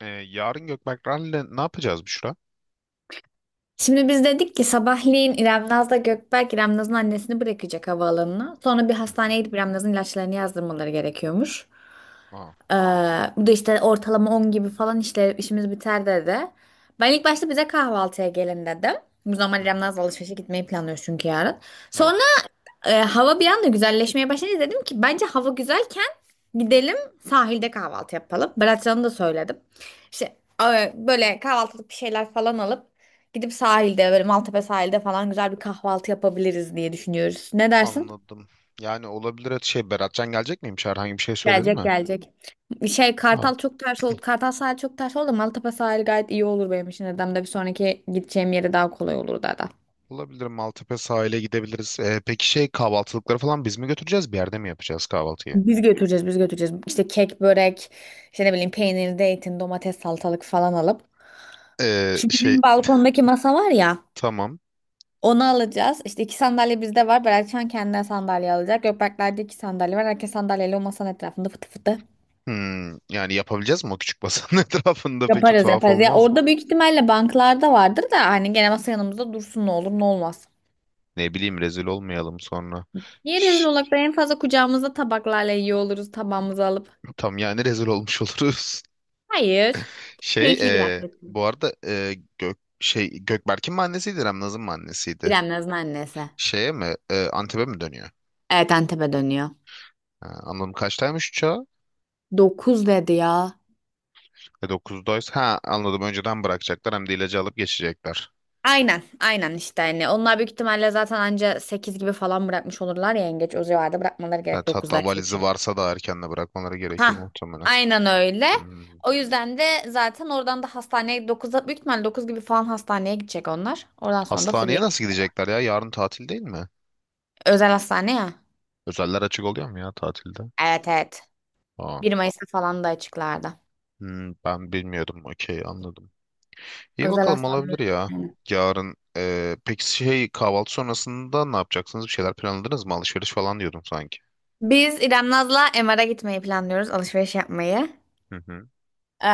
Yarın Gökberk Rally'le ne yapacağız, Büşra? Şimdi biz dedik ki sabahleyin İrem Naz'la Gökberk İrem Naz'ın annesini bırakacak havaalanına. Sonra bir Hı hı. hastaneye gidip İrem Naz'ın ilaçlarını yazdırmaları gerekiyormuş. Aa. Ee, bu da işte ortalama 10 gibi falan işte işimiz biter dedi. Ben ilk başta bize kahvaltıya gelin dedim. Bu normal Hı İrem'le hı. az alışverişe gitmeyi planlıyoruz çünkü yarın. Sonra Evet. Hava bir anda güzelleşmeye başladı. Dedim ki bence hava güzelken gidelim sahilde kahvaltı yapalım. Beratcan'a da söyledim. İşte böyle kahvaltılık bir şeyler falan alıp gidip sahilde böyle Maltepe sahilde falan güzel bir kahvaltı yapabiliriz diye düşünüyoruz. Ne dersin? Anladım. Yani olabilir, Beratcan gelecek miymiş? Herhangi bir şey söyledi Gelecek mi? gelecek. Şey Ha. Kartal çok ters oldu. Kartal sahil çok ters oldu. Maltepe sahil gayet iyi olur benim için. Dedem de bir sonraki gideceğim yere daha kolay olur da. Olabilir, Maltepe sahile gidebiliriz. Peki, kahvaltılıkları falan biz mi götüreceğiz? Bir yerde mi yapacağız kahvaltıyı? Biz götüreceğiz biz götüreceğiz. İşte kek, börek, işte ne bileyim peynir, zeytin, domates, salatalık falan alıp. Ee, Şu şey bizim balkondaki masa var ya tamam. onu alacağız. İşte iki sandalye bizde var. Beratcan kendine sandalye alacak. Gökberkler'de iki sandalye var. Herkes sandalyeyle o masanın etrafında fıtı fıtı. Hmm, yani yapabileceğiz mi o küçük basanın etrafında, peki Yaparız tuhaf yaparız. Ya olmaz mı? orada büyük ihtimalle banklarda vardır da hani gene masa yanımızda dursun ne olur ne olmaz. Ne bileyim, rezil olmayalım sonra. Niye rezil Şş, olarak da en fazla kucağımızda tabaklarla yiyor oluruz tabağımızı alıp? tam yani rezil olmuş oluruz. Hayır. Şey Keyifli bir e, aktivite. bu arada, Gökberk'in mi annesiydi, Remnaz'ın mı annesiydi? İrem Naz'ın annesi. Antep'e mi dönüyor? Evet, Antep'e dönüyor. Ha, anladım, kaçtaymış uçağı? 9 dedi ya. 9'daysa ha anladım, önceden bırakacaklar, hem de ilacı alıp geçecekler. Aynen, aynen işte hani onlar büyük ihtimalle zaten anca 8 gibi falan bırakmış olurlar ya yengeç o civarda bırakmaları gerek Evet, 9'da hatta işte valizi uçak. varsa da erken de bırakmaları gerekir Ha, muhtemelen. aynen öyle. Hmm. O yüzden de zaten oradan da hastaneye 9'da büyük ihtimalle 9 gibi falan hastaneye gidecek onlar. Oradan sonra da free. Hastaneye nasıl gidecekler ya? Yarın tatil değil mi? Özel hastane ya. Özeller açık oluyor mu ya tatilde? Evet, evet. Aa. Bir Mayıs'ta falan da açıklardı. Hmm, ben bilmiyordum. Okey, anladım. İyi Özel bakalım, hastaneler. olabilir ya. Yani. Yarın peki, kahvaltı sonrasında ne yapacaksınız? Bir şeyler planladınız mı? Alışveriş falan diyordum sanki. Biz İrem Naz'la MR'a gitmeyi planlıyoruz. Alışveriş yapmayı. Hı hı. Ee,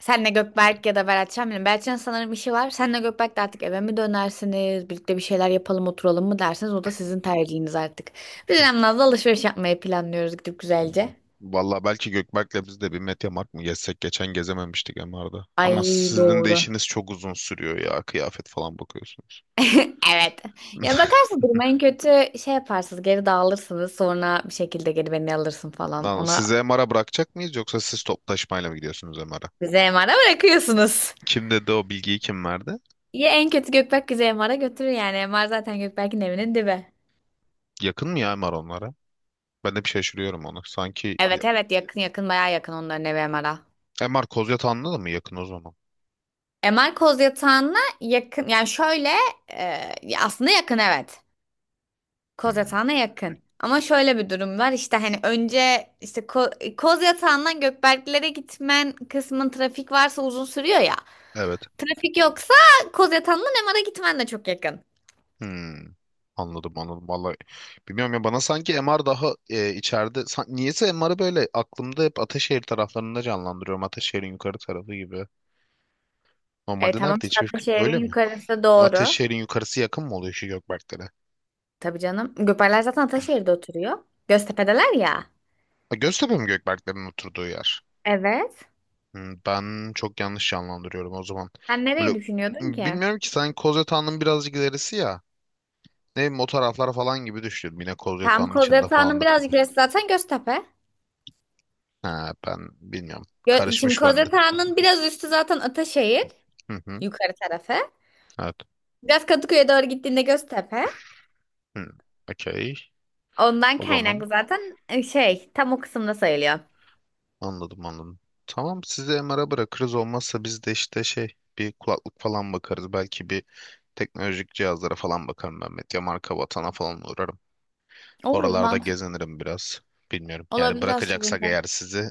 senle Gökberk ya da Beratcan bilmiyorum. Beratcan sanırım işi var. Senle Gökberk de artık eve mi dönersiniz? Birlikte bir şeyler yapalım oturalım mı dersiniz? O da sizin tercihiniz artık. Biz İrem Naz'la alışveriş yapmayı planlıyoruz gidip Hı. güzelce. Vallahi belki Gökberk'le biz de bir Mediamarkt mı gezsek? Geçen gezememiştik MR'da. Ama Ay, sizin de doğru. işiniz çok uzun sürüyor ya. Kıyafet falan bakıyorsunuz. Evet. Yani bakarsın duruma en kötü şey yaparsınız. Geri dağılırsınız. Sonra bir şekilde geri beni alırsın falan. Lan, Ona sizi MR'a bırakacak mıyız, yoksa siz toplu taşımayla mı gidiyorsunuz MR'a? bize MR'a bırakıyorsunuz. Kim dedi o bilgiyi, kim verdi? Ya en kötü Gökberk bizi MR'a götürür yani. MR zaten Gökberk'in evinin dibi. Yakın mı ya MR onlara? Ben de bir şaşırıyorum onu. Sanki ya, Evet, evet, yakın yakın, bayağı yakın onların evi Emara. MR Kozyatağı'nda da mı yakın o zaman? MR koz yatağına yakın yani şöyle e, ya aslında yakın, evet. Koz Hmm, yatağına yakın. Ama şöyle bir durum var işte hani önce işte koz yatağından Gökberklere gitmen kısmın trafik varsa uzun sürüyor ya. evet. Trafik yoksa koz yatağından MR'a gitmen de çok yakın. Hmm, anladım anladım. Vallahi bilmiyorum ya, bana sanki MR daha içeride. Niyeyse MR'ı böyle aklımda hep Ataşehir taraflarında canlandırıyorum. Ataşehir'in yukarı tarafı gibi. E Normalde tamam nerede, işte hiçbir fikrim Ataşehir'in öyle mi? yukarısı. Yukarısı doğru. Ataşehir'in yukarısı yakın mı oluyor şu Gökberklere? Tabii canım. Gökberkler zaten Ataşehir'de oturuyor. Göztepe'deler ya. Ha, Göztepe mi Gökberklerin oturduğu yer? Evet. Hmm, ben çok yanlış canlandırıyorum o zaman. Sen nereye Böyle düşünüyordun ki? bilmiyorum ki, sanki Kozyatağı'nın birazcık ilerisi ya. Ne bileyim, o taraflar falan gibi düşünüyorum. Yine Tam Kozyatağı'nın içinde Kozyalı Ağa'nın falandır birazcık gibi. gerisi zaten Göztepe. Ha, ben bilmiyorum. Şimdi Karışmış bende. Kozyalı Ağa'nın biraz üstü zaten Ataşehir. Yukarı tarafı. Evet. Biraz Kadıköy'e doğru gittiğinde Göztepe. Hmm. Okey. Ondan O zaman kaynaklı zaten şey tam o kısımda sayılıyor. anladım, anladım. Tamam, sizi MR'a bırakırız olmazsa, biz de işte bir kulaklık falan bakarız. Belki bir teknolojik cihazlara falan bakarım ben. Medya marka vatana falan uğrarım. Olur, Oralarda mantık gezinirim biraz. Bilmiyorum. Yani olabilir bırakacaksak eğer aslında. sizi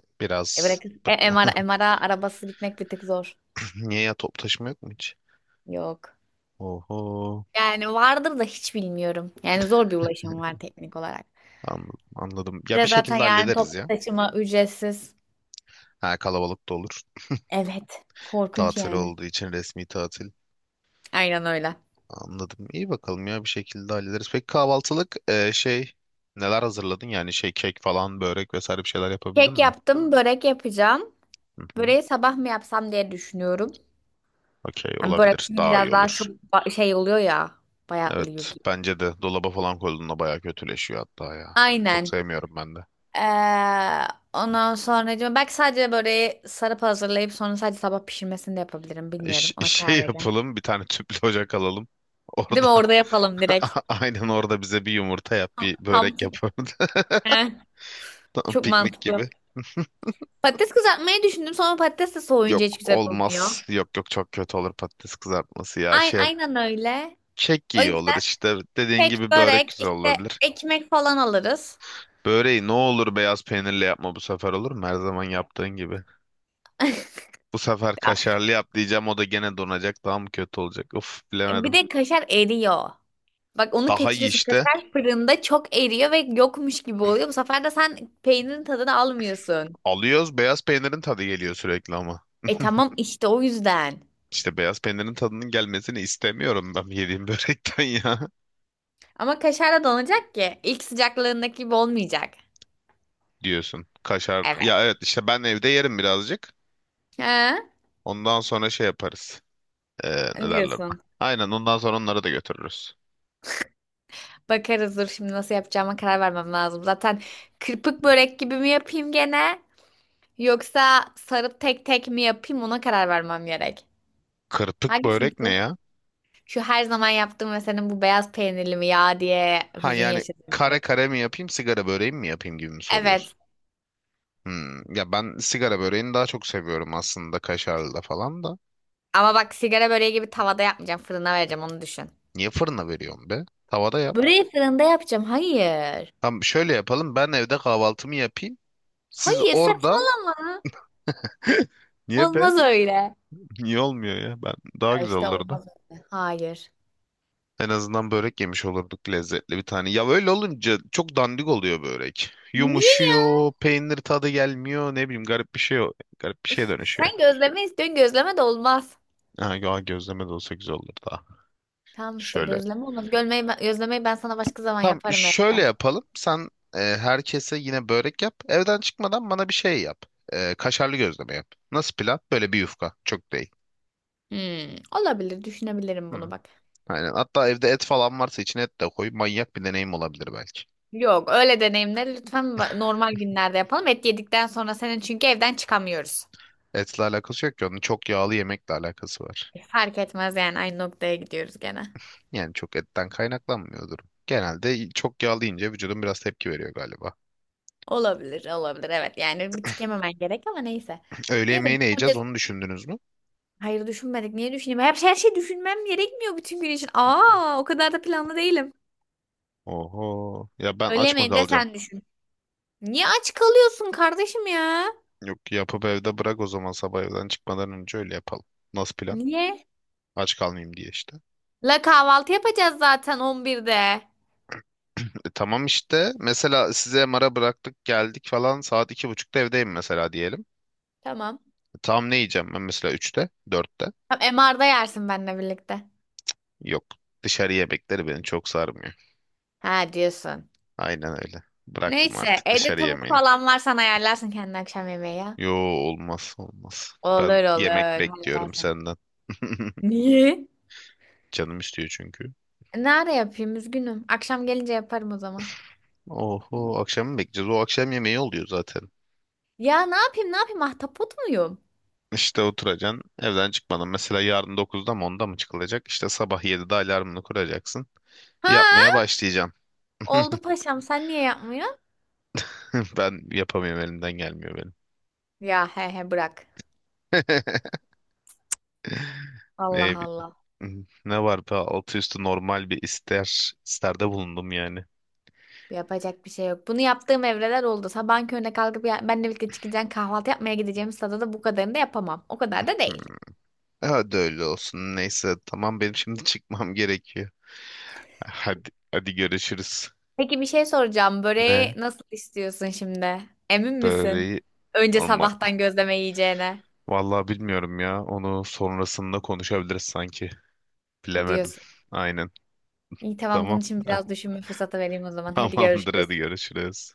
E biraz. bırak MR, MR'a arabası gitmek bir tık zor. Niye ya, top taşıma yok mu hiç? Yok. Oho. Yani vardır da hiç bilmiyorum. Yani zor bir ulaşım var teknik olarak. Anladım, anladım. Ya Ve bir zaten şekilde yani hallederiz toplu ya. taşıma ücretsiz. Ha, kalabalık da olur. Evet. Korkunç Tatil yani. olduğu için, resmi tatil. Aynen öyle. Anladım. İyi bakalım ya, bir şekilde hallederiz. Peki kahvaltılık neler hazırladın? Yani kek falan, börek vesaire, bir şeyler yapabildin Kek mi? yaptım, börek yapacağım. Hı hı. Böreği sabah mı yapsam diye düşünüyorum. Okey, Hani börek olabilir. çünkü Daha iyi biraz daha olur. çok şey oluyor ya. Bayatlıyor Evet, gibi. bence de dolaba falan koyduğunda bayağı kötüleşiyor hatta ya. Çok Aynen. sevmiyorum ben de. Ee, ondan sonra diyorum, belki sadece böreği sarıp hazırlayıp sonra sadece sabah pişirmesini de yapabilirim. Bilmiyorum. Ona şey karar vereceğim. yapalım bir tane tüplü ocak alalım. Değil Orada mi? Orada yapalım direkt. aynen, orada bize bir yumurta yap, Tam bir tam- börek yap orada. Heh, Tam çok piknik mantıklı. gibi. Patates kızartmayı düşündüm. Sonra patates de soğuyunca hiç Yok, güzel olmaz. olmuyor. Yok yok, çok kötü olur patates kızartması ya. Şey Aynen öyle. Kek O iyi olur, yüzden işte dediğin kek, gibi börek börek, güzel işte olabilir. ekmek falan alırız. Böreği ne olur beyaz peynirle yapma bu sefer, olur mu? Her zaman yaptığın gibi. Bu sefer Ya, kaşarlı yap diyeceğim, o da gene donacak, daha mı kötü olacak? Uf, bir bilemedim. de kaşar eriyor. Bak onu Daha iyi kaçırıyorsun. işte. Kaşar fırında çok eriyor ve yokmuş gibi oluyor. Bu sefer de sen peynirin tadını almıyorsun. Alıyoruz, beyaz peynirin tadı geliyor sürekli ama. E tamam işte o yüzden. İşte beyaz peynirin tadının gelmesini istemiyorum ben yediğim börekten ya Ama kaşar da donacak ki. İlk sıcaklığındaki gibi olmayacak. diyorsun. Kaşar Evet. ya, evet, işte ben evde yerim birazcık. Ha? Ondan sonra şey yaparız. Ee, ne derler? Diyorsun. Aynen, ondan sonra onları da götürürüz. Bakarız, dur şimdi nasıl yapacağıma karar vermem lazım. Zaten kırpık börek gibi mi yapayım gene? Yoksa sarıp tek tek mi yapayım, ona karar vermem gerek. Kırpık Hangisini börek ne istiyorsun? ya? Şu her zaman yaptığım ve senin bu beyaz peynirli mi ya diye Ha hüzün yani, yaşadığım kare börek. kare mi yapayım, sigara böreği mi yapayım gibi mi Evet. soruyorsun? Hmm, ya ben sigara böreğini daha çok seviyorum aslında, kaşarlı da falan da. Ama bak sigara böreği gibi tavada yapmayacağım. Fırına vereceğim, onu düşün. Niye fırına veriyorsun be? Tavada yap. Böreği fırında yapacağım. Hayır. Tamam, şöyle yapalım, ben evde kahvaltımı yapayım. Siz Hayır, orada. saçmalama. Niye be? Olmaz öyle. Ya, Niye olmuyor ya? Ben daha güzel İşte olurdu. olmaz öyle. Hayır. En azından börek yemiş olurduk, lezzetli bir tane. Ya öyle olunca çok dandik oluyor börek. Niye ya? Yumuşuyor, peynir tadı gelmiyor, ne bileyim garip bir şey, garip bir şeye Üf, dönüşüyor. sen gözleme istiyorsun. Gözleme de olmaz. Ha, ya gözleme de olsa güzel olurdu. Tamam işte Şöyle. gözleme olmaz. Gölmeyi ben, gözlemeyi ben sana başka zaman Tam yaparım şöyle evde. yapalım. Sen herkese yine börek yap. Evden çıkmadan bana bir şey yap. Kaşarlı gözleme yap. Nasıl plan? Böyle bir yufka. Çok değil. Hmm, olabilir, düşünebilirim bunu Hmm. bak. Aynen. Hatta evde et falan varsa, içine et de koy. Manyak bir deneyim olabilir belki. Yok, öyle deneyimleri lütfen normal günlerde yapalım. Et yedikten sonra senin çünkü evden çıkamıyoruz. Etle alakası yok ki. Onun çok yağlı yemekle alakası var. Fark etmez yani aynı noktaya gidiyoruz gene. Yani çok etten kaynaklanmıyor durum. Genelde çok yağlı yiyince vücudun biraz tepki veriyor galiba. Olabilir, olabilir. Evet yani bir tık yememen gerek ama neyse. Öğle Neyse yemeği ne yiyeceğiz, düşünebiliriz. onu düşündünüz mü? Hayır düşünmedik. Niye düşüneyim? Hep her şey düşünmem gerekmiyor bütün gün için. Aa, o kadar da planlı değilim. Oho. Ya ben Öğle aç mı yemeğini de kalacağım? sen düşün. Niye aç kalıyorsun kardeşim ya? Yok, yapıp evde bırak o zaman, sabah evden çıkmadan önce öyle yapalım. Nasıl plan? Niye? Aç kalmayayım diye işte. La kahvaltı yapacağız zaten 11'de. Tamam işte, mesela size mara bıraktık geldik falan, saat iki buçukta evdeyim mesela diyelim. Tamam. Tam ne yiyeceğim ben, mesela üçte dörtte? Tam MR'da yersin benimle birlikte. Yok, dışarı yemekleri beni çok sarmıyor. Ha diyorsun. Aynen öyle. Bıraktım Neyse artık evde dışarı tavuk yemeğini. falan var sen ayarlarsın kendi akşam yemeği ya. Yo, olmaz olmaz. Ben Olur yemek olur bekliyorum halledersin. senden. Niye? Canım istiyor çünkü. Ne ara yapayım, üzgünüm. Akşam gelince yaparım o zaman. Oho, akşam mı bekleyeceğiz? O akşam yemeği oluyor zaten. Ya ne yapayım ne yapayım, ahtapot muyum? İşte oturacaksın. Evden çıkmadan. Mesela yarın 9'da mı 10'da mı çıkılacak? İşte sabah 7'de alarmını kuracaksın. Yapmaya Ha? başlayacağım. Oldu paşam, sen niye yapmıyorsun? Ben yapamıyorum, elimden gelmiyor benim. Ya he he bırak. Allah Ne, Allah. ne var be, altı üstü normal bir ister isterde bulundum yani. Yapacak bir şey yok. Bunu yaptığım evreler oldu. Sabahın körüne kalkıp ya, benle birlikte çıkacaksın kahvaltı yapmaya gideceğimiz sırada da bu kadarını da yapamam. O kadar da Hmm, değil. hadi öyle olsun. Neyse tamam, benim şimdi çıkmam gerekiyor. Hadi hadi, görüşürüz. Peki bir şey soracağım. Böreği Ne? nasıl istiyorsun şimdi? Emin misin? Böreği Önce normal. sabahtan gözleme yiyeceğine Vallahi bilmiyorum ya. Onu sonrasında konuşabiliriz sanki. Bilemedim. diyorsun. Aynen. İyi tamam, bunun Tamam. için biraz düşünme fırsatı vereyim o zaman. Hadi Tamamdır, hadi görüşürüz. görüşürüz.